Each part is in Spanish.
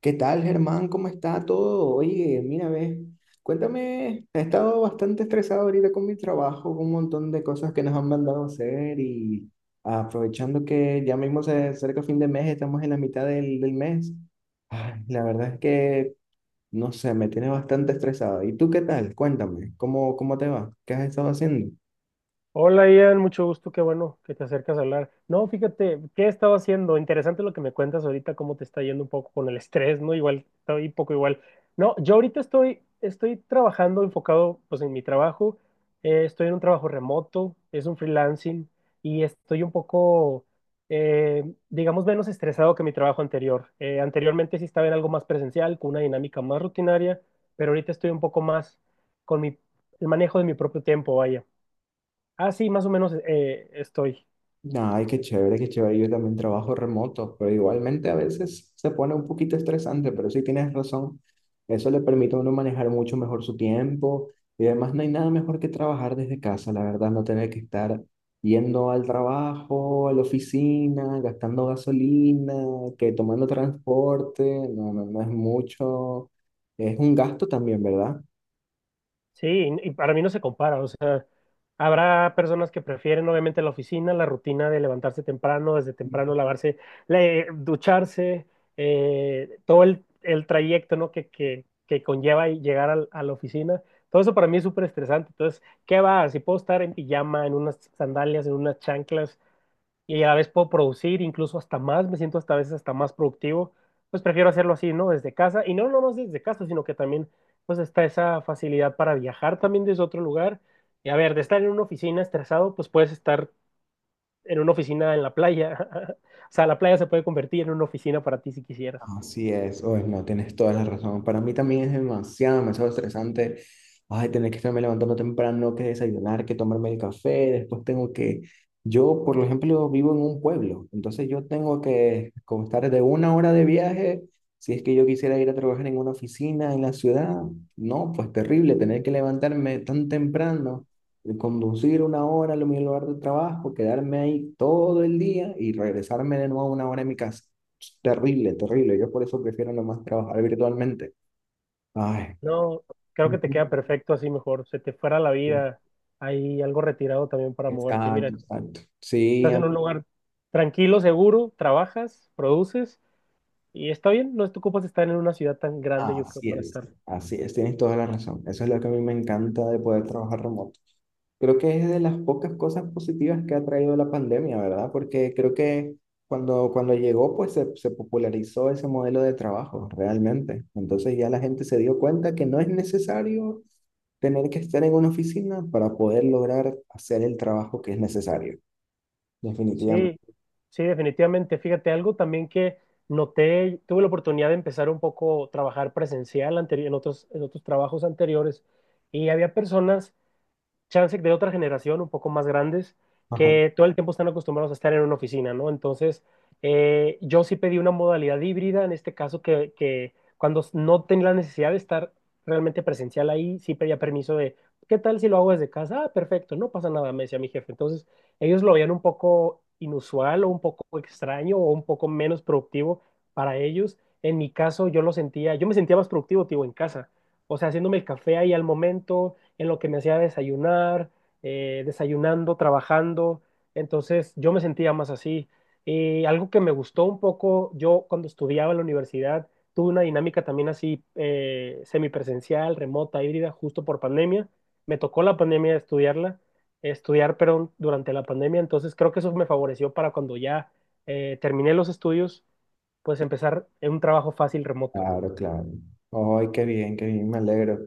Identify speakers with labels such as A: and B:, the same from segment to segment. A: ¿Qué tal, Germán? ¿Cómo está todo? Oye, mira, ve, cuéntame, he estado bastante estresado ahorita con mi trabajo, con un montón de cosas que nos han mandado a hacer y aprovechando que ya mismo se acerca fin de mes, estamos en la mitad del mes. Ay, la verdad es que, no sé, me tiene bastante estresado. ¿Y tú qué tal? Cuéntame, ¿cómo te va? ¿Qué has estado haciendo?
B: Hola Ian, mucho gusto, qué bueno que te acercas a hablar. No, fíjate, ¿qué he estado haciendo? Interesante lo que me cuentas ahorita, cómo te está yendo un poco con el estrés, ¿no? Igual, estoy un poco igual. No, yo ahorita estoy trabajando enfocado pues en mi trabajo. Estoy en un trabajo remoto, es un freelancing y estoy un poco, eh, digamos, menos estresado que mi trabajo anterior. Anteriormente sí estaba en algo más presencial, con una dinámica más rutinaria, pero ahorita estoy un poco más con mi, el manejo de mi propio tiempo, vaya. Ah, sí, más o menos estoy.
A: Ay, qué chévere, qué chévere. Yo también trabajo remoto, pero igualmente a veces se pone un poquito estresante, pero sí tienes razón. Eso le permite a uno manejar mucho mejor su tiempo y además no hay nada mejor que trabajar desde casa, la verdad, no tener que estar yendo al trabajo, a la oficina, gastando gasolina, que tomando transporte, no, no, no es mucho. Es un gasto también, ¿verdad?
B: Sí, y para mí no se compara. O sea, habrá personas que prefieren obviamente la oficina, la rutina de levantarse temprano, desde temprano lavarse, ducharse, todo el trayecto, ¿no? que conlleva y llegar a la oficina. Todo eso para mí es súper estresante. Entonces, ¿qué va? Si puedo estar en pijama, en unas sandalias, en unas chanclas, y a la vez puedo producir incluso hasta más, me siento hasta a veces hasta más productivo, pues prefiero hacerlo así, ¿no? Desde casa, y no nomás desde casa, sino que también pues está esa facilidad para viajar también desde otro lugar. Y a ver, de estar en una oficina estresado, pues puedes estar en una oficina en la playa. O sea, la playa se puede convertir en una oficina para ti si quisieras.
A: Así es, oye, no, tienes toda la razón. Para mí también es demasiado, demasiado estresante. Ay, tener que estarme levantando temprano, que desayunar, que tomarme el café, después tengo que... Yo, por ejemplo, vivo en un pueblo, entonces yo tengo que constar de una hora de viaje, si es que yo quisiera ir a trabajar en una oficina en la ciudad, no, pues terrible, tener que levantarme tan temprano, conducir una hora a mi lugar de trabajo, quedarme ahí todo el día y regresarme de nuevo una hora a mi casa. Terrible, terrible. Yo por eso prefiero nomás trabajar virtualmente. Ay.
B: No, creo que te queda
A: Ujú.
B: perfecto así mejor. Se te fuera la vida, hay algo retirado también para moverte.
A: Exacto,
B: Mira,
A: exacto. Sí,
B: estás en un lugar tranquilo, seguro, trabajas, produces. Y está bien, no te ocupas estar en una ciudad tan grande, yo creo,
A: así
B: para
A: es,
B: estar.
A: así es, tienes toda la razón. Eso es lo que a mí me encanta de poder trabajar remoto. Creo que es de las pocas cosas positivas que ha traído la pandemia, ¿verdad? Porque creo que cuando llegó, pues se popularizó ese modelo de trabajo realmente. Entonces ya la gente se dio cuenta que no es necesario tener que estar en una oficina para poder lograr hacer el trabajo que es necesario, definitivamente.
B: Sí, sí, definitivamente. Fíjate, algo también que noté, tuve la oportunidad de empezar un poco a trabajar presencial en otros trabajos anteriores y había personas chance de otra generación, un poco más grandes, que todo el tiempo están acostumbrados a estar en una oficina, ¿no? Entonces, yo sí pedí una modalidad híbrida, en este caso que cuando no tenía la necesidad de estar realmente presencial ahí, sí pedía permiso de, ¿qué tal si lo hago desde casa? Ah, perfecto, no pasa nada, me decía mi jefe. Entonces, ellos lo veían un poco inusual o un poco extraño o un poco menos productivo para ellos. En mi caso, yo lo sentía, yo me sentía más productivo, tío, en casa. O sea, haciéndome el café ahí al momento, en lo que me hacía desayunar, desayunando, trabajando. Entonces yo me sentía más así. Y algo que me gustó un poco, yo cuando estudiaba en la universidad, tuve una dinámica también así semipresencial, remota, híbrida, justo por pandemia. Me tocó la pandemia estudiarla, estudiar, pero durante la pandemia. Entonces creo que eso me favoreció para cuando ya terminé los estudios, pues empezar en un trabajo fácil remoto.
A: Claro, claro. Ay, qué bien, me alegro.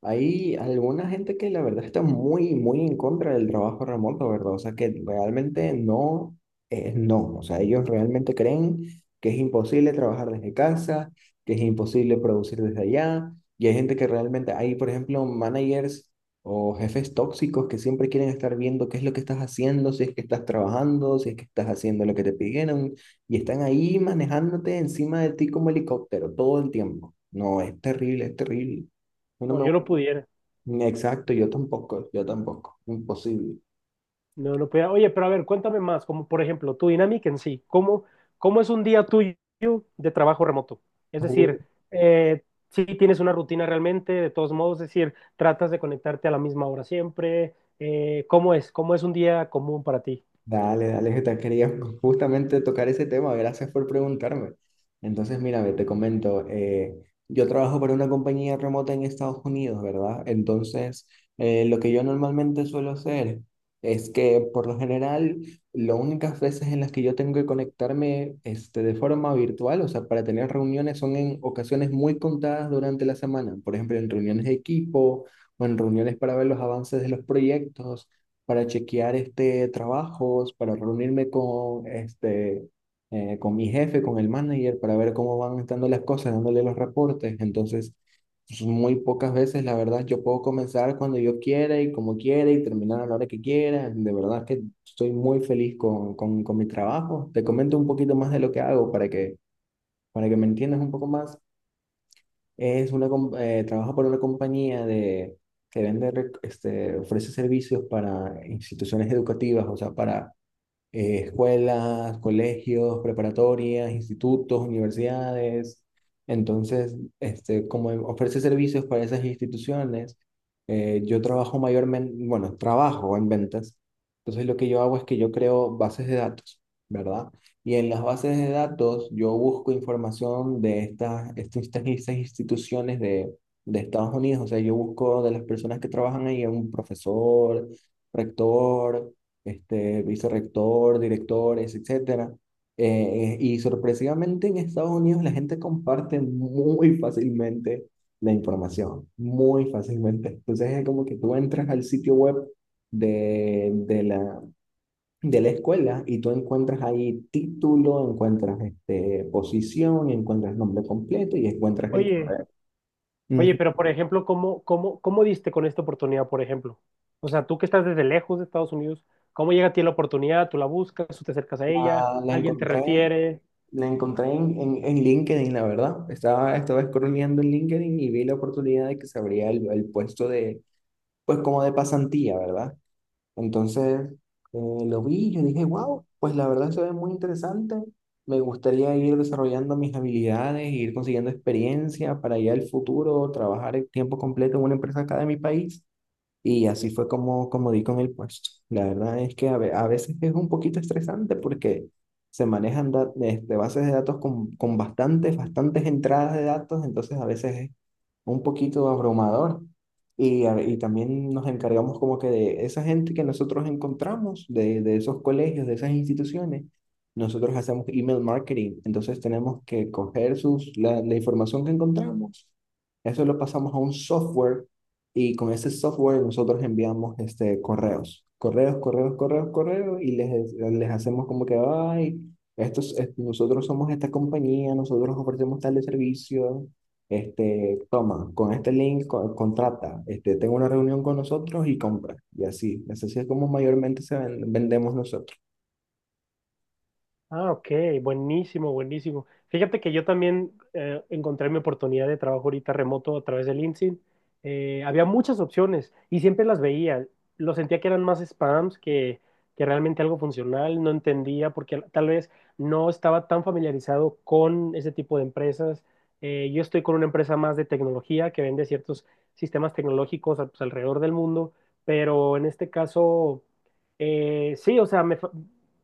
A: Hay alguna gente que la verdad está muy, muy en contra del trabajo remoto, ¿verdad? O sea, que realmente no, es no. O sea, ellos realmente creen que es imposible trabajar desde casa, que es imposible producir desde allá. Y hay gente que realmente, hay, por ejemplo, managers o jefes tóxicos que siempre quieren estar viendo qué es lo que estás haciendo, si es que estás trabajando, si es que estás haciendo lo que te pidieron y están ahí manejándote encima de ti como helicóptero todo el tiempo. No, es terrible, es terrible. Yo no
B: No, yo no pudiera.
A: me... Exacto, yo tampoco, yo tampoco. Imposible.
B: No, no podía. Oye, pero a ver, cuéntame más, como por ejemplo, tu dinámica en sí, ¿cómo es un día tuyo de trabajo remoto? Es decir, eh, si tienes una rutina realmente, de todos modos, es decir, tratas de conectarte a la misma hora siempre, ¿cómo es? ¿Cómo es un día común para ti?
A: Dale, dale, que te quería justamente tocar ese tema, gracias por preguntarme. Entonces, mira, ve, te comento, yo trabajo para una compañía remota en Estados Unidos, ¿verdad? Entonces, lo que yo normalmente suelo hacer es que, por lo general, las únicas veces en las que yo tengo que conectarme, este, de forma virtual, o sea, para tener reuniones, son en ocasiones muy contadas durante la semana, por ejemplo, en reuniones de equipo o en reuniones para ver los avances de los proyectos para chequear este, trabajos, para reunirme con, este, con mi jefe, con el manager, para ver cómo van estando las cosas, dándole los reportes. Entonces, pues, muy pocas veces, la verdad, yo puedo comenzar cuando yo quiera y como quiera y terminar a la hora que quiera. De verdad que estoy muy feliz con mi trabajo. Te comento un poquito más de lo que hago para que me entiendas un poco más. Es una, trabaja para una compañía de, que vende, este, ofrece servicios para instituciones educativas, o sea, para escuelas, colegios, preparatorias, institutos, universidades. Entonces, este, como ofrece servicios para esas instituciones, yo trabajo mayormente, bueno, trabajo en ventas. Entonces, lo que yo hago es que yo creo bases de datos, ¿verdad? Y en las bases de datos yo busco información de estas instituciones de Estados Unidos. O sea, yo busco de las personas que trabajan ahí, un profesor, rector este, vicerrector, directores, etcétera. Y sorpresivamente en Estados Unidos la gente comparte muy fácilmente la información, muy fácilmente. Entonces es como que tú entras al sitio web de, de la, de la escuela y tú encuentras ahí título, encuentras este, posición, encuentras nombre completo y encuentras el
B: Oye,
A: correo.
B: Oye,
A: Ujú.
B: pero por ejemplo, ¿cómo diste con esta oportunidad, por ejemplo? O sea, tú que estás desde lejos de Estados Unidos, ¿cómo llega a ti la oportunidad? ¿Tú la buscas? ¿Tú te acercas a ella?
A: La, la
B: ¿Alguien te
A: encontré
B: refiere?
A: La encontré en LinkedIn, la verdad. Estaba scrolleando en LinkedIn y vi la oportunidad de que se abría el puesto de, pues como de pasantía, ¿verdad? Entonces eh, lo vi y yo dije, wow, pues la verdad se ve muy interesante. Me gustaría ir desarrollando mis habilidades, ir consiguiendo experiencia para ya el futuro, trabajar en tiempo completo en una empresa acá de mi país. Y así fue como, como di con el puesto. La verdad es que a, a veces es un poquito estresante porque se manejan este, bases de datos con bastantes, bastantes entradas de datos, entonces a veces es un poquito abrumador. Y, y también nos encargamos como que de esa gente que nosotros encontramos, de esos colegios, de esas instituciones, nosotros hacemos email marketing, entonces tenemos que coger sus, la información que encontramos. Eso lo pasamos a un software y con ese software nosotros enviamos este, correos, correos, correos, correos, correos, y les hacemos como que, ay, estos, nosotros somos esta compañía, nosotros ofrecemos tal de servicio, este, toma, con este link contrata, este, tengo una reunión con nosotros y compra, y así, así es como mayormente se vendemos nosotros.
B: Ah, ok, buenísimo, buenísimo. Fíjate que yo también encontré mi oportunidad de trabajo ahorita remoto a través del LinkedIn. Había muchas opciones y siempre las veía. Lo sentía que eran más spams que realmente algo funcional. No entendía porque tal vez no estaba tan familiarizado con ese tipo de empresas. Yo estoy con una empresa más de tecnología que vende ciertos sistemas tecnológicos ah, pues, alrededor del mundo, pero en este caso... Sí, o sea,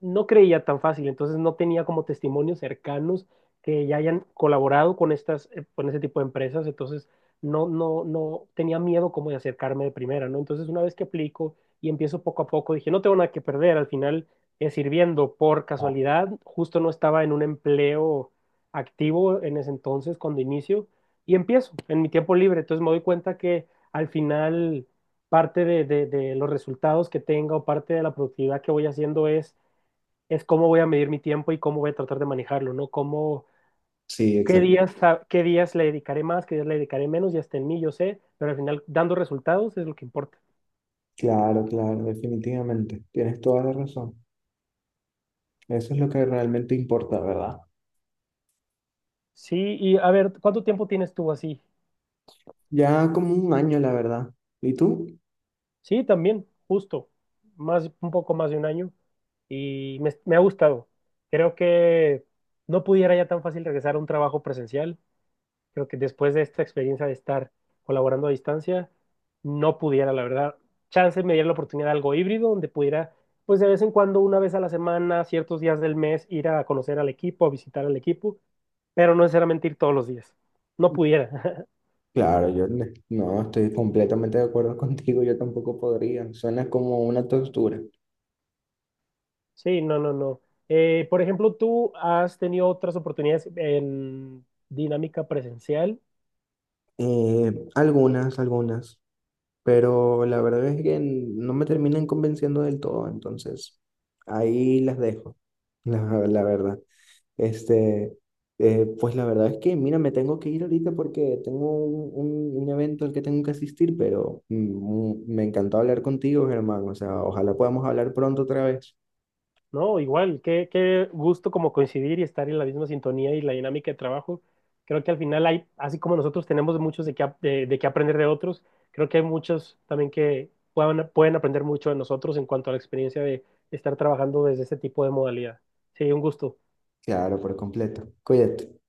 B: no creía tan fácil, entonces no tenía como testimonios cercanos que ya hayan colaborado con con ese tipo de empresas, entonces no tenía miedo como de acercarme de primera, ¿no? Entonces una vez que aplico y empiezo poco a poco, dije, no tengo nada que perder, al final sirviendo por casualidad, justo no estaba en un empleo activo en ese entonces cuando inicio y empiezo en mi tiempo libre, entonces me doy cuenta que al final parte de los resultados que tenga o parte de la productividad que voy haciendo es cómo voy a medir mi tiempo y cómo voy a tratar de manejarlo, ¿no?
A: Sí,
B: Qué
A: exacto.
B: días, qué días le dedicaré más, qué días le dedicaré menos, ya está en mí, yo sé, pero al final dando resultados es lo que importa.
A: Claro, claro, definitivamente, tienes toda la razón. Eso es lo que realmente importa, ¿verdad?
B: Sí, y a ver, ¿cuánto tiempo tienes tú así?
A: Ya como un año, la verdad. ¿Y tú?
B: Sí, también, justo, un poco más de un año y me ha gustado. Creo que no pudiera ya tan fácil regresar a un trabajo presencial. Creo que después de esta experiencia de estar colaborando a distancia, no pudiera, la verdad. Chance me diera la oportunidad de algo híbrido donde pudiera, pues de vez en cuando, una vez a la semana, ciertos días del mes, ir a conocer al equipo, a visitar al equipo, pero no necesariamente ir todos los días. No pudiera.
A: Claro, yo no estoy completamente de acuerdo contigo, yo tampoco podría, suena como una tortura.
B: Sí, no, no, no. Por ejemplo, ¿tú has tenido otras oportunidades en dinámica presencial?
A: Algunas, algunas, pero la verdad es que no me terminan convenciendo del todo, entonces ahí las dejo, la, la verdad. Este, pues la verdad es que, mira, me tengo que ir ahorita porque tengo un, un evento al que tengo que asistir, pero mm, me encantó hablar contigo, Germán, o sea, ojalá podamos hablar pronto otra vez.
B: No, igual, qué gusto como coincidir y estar en la misma sintonía y la dinámica de trabajo. Creo que al final hay, así como nosotros tenemos muchos de qué aprender de otros, creo que hay muchos también que pueden aprender mucho de nosotros en cuanto a la experiencia de estar trabajando desde este tipo de modalidad. Sí, un gusto.
A: Claro, por completo. Cuídate.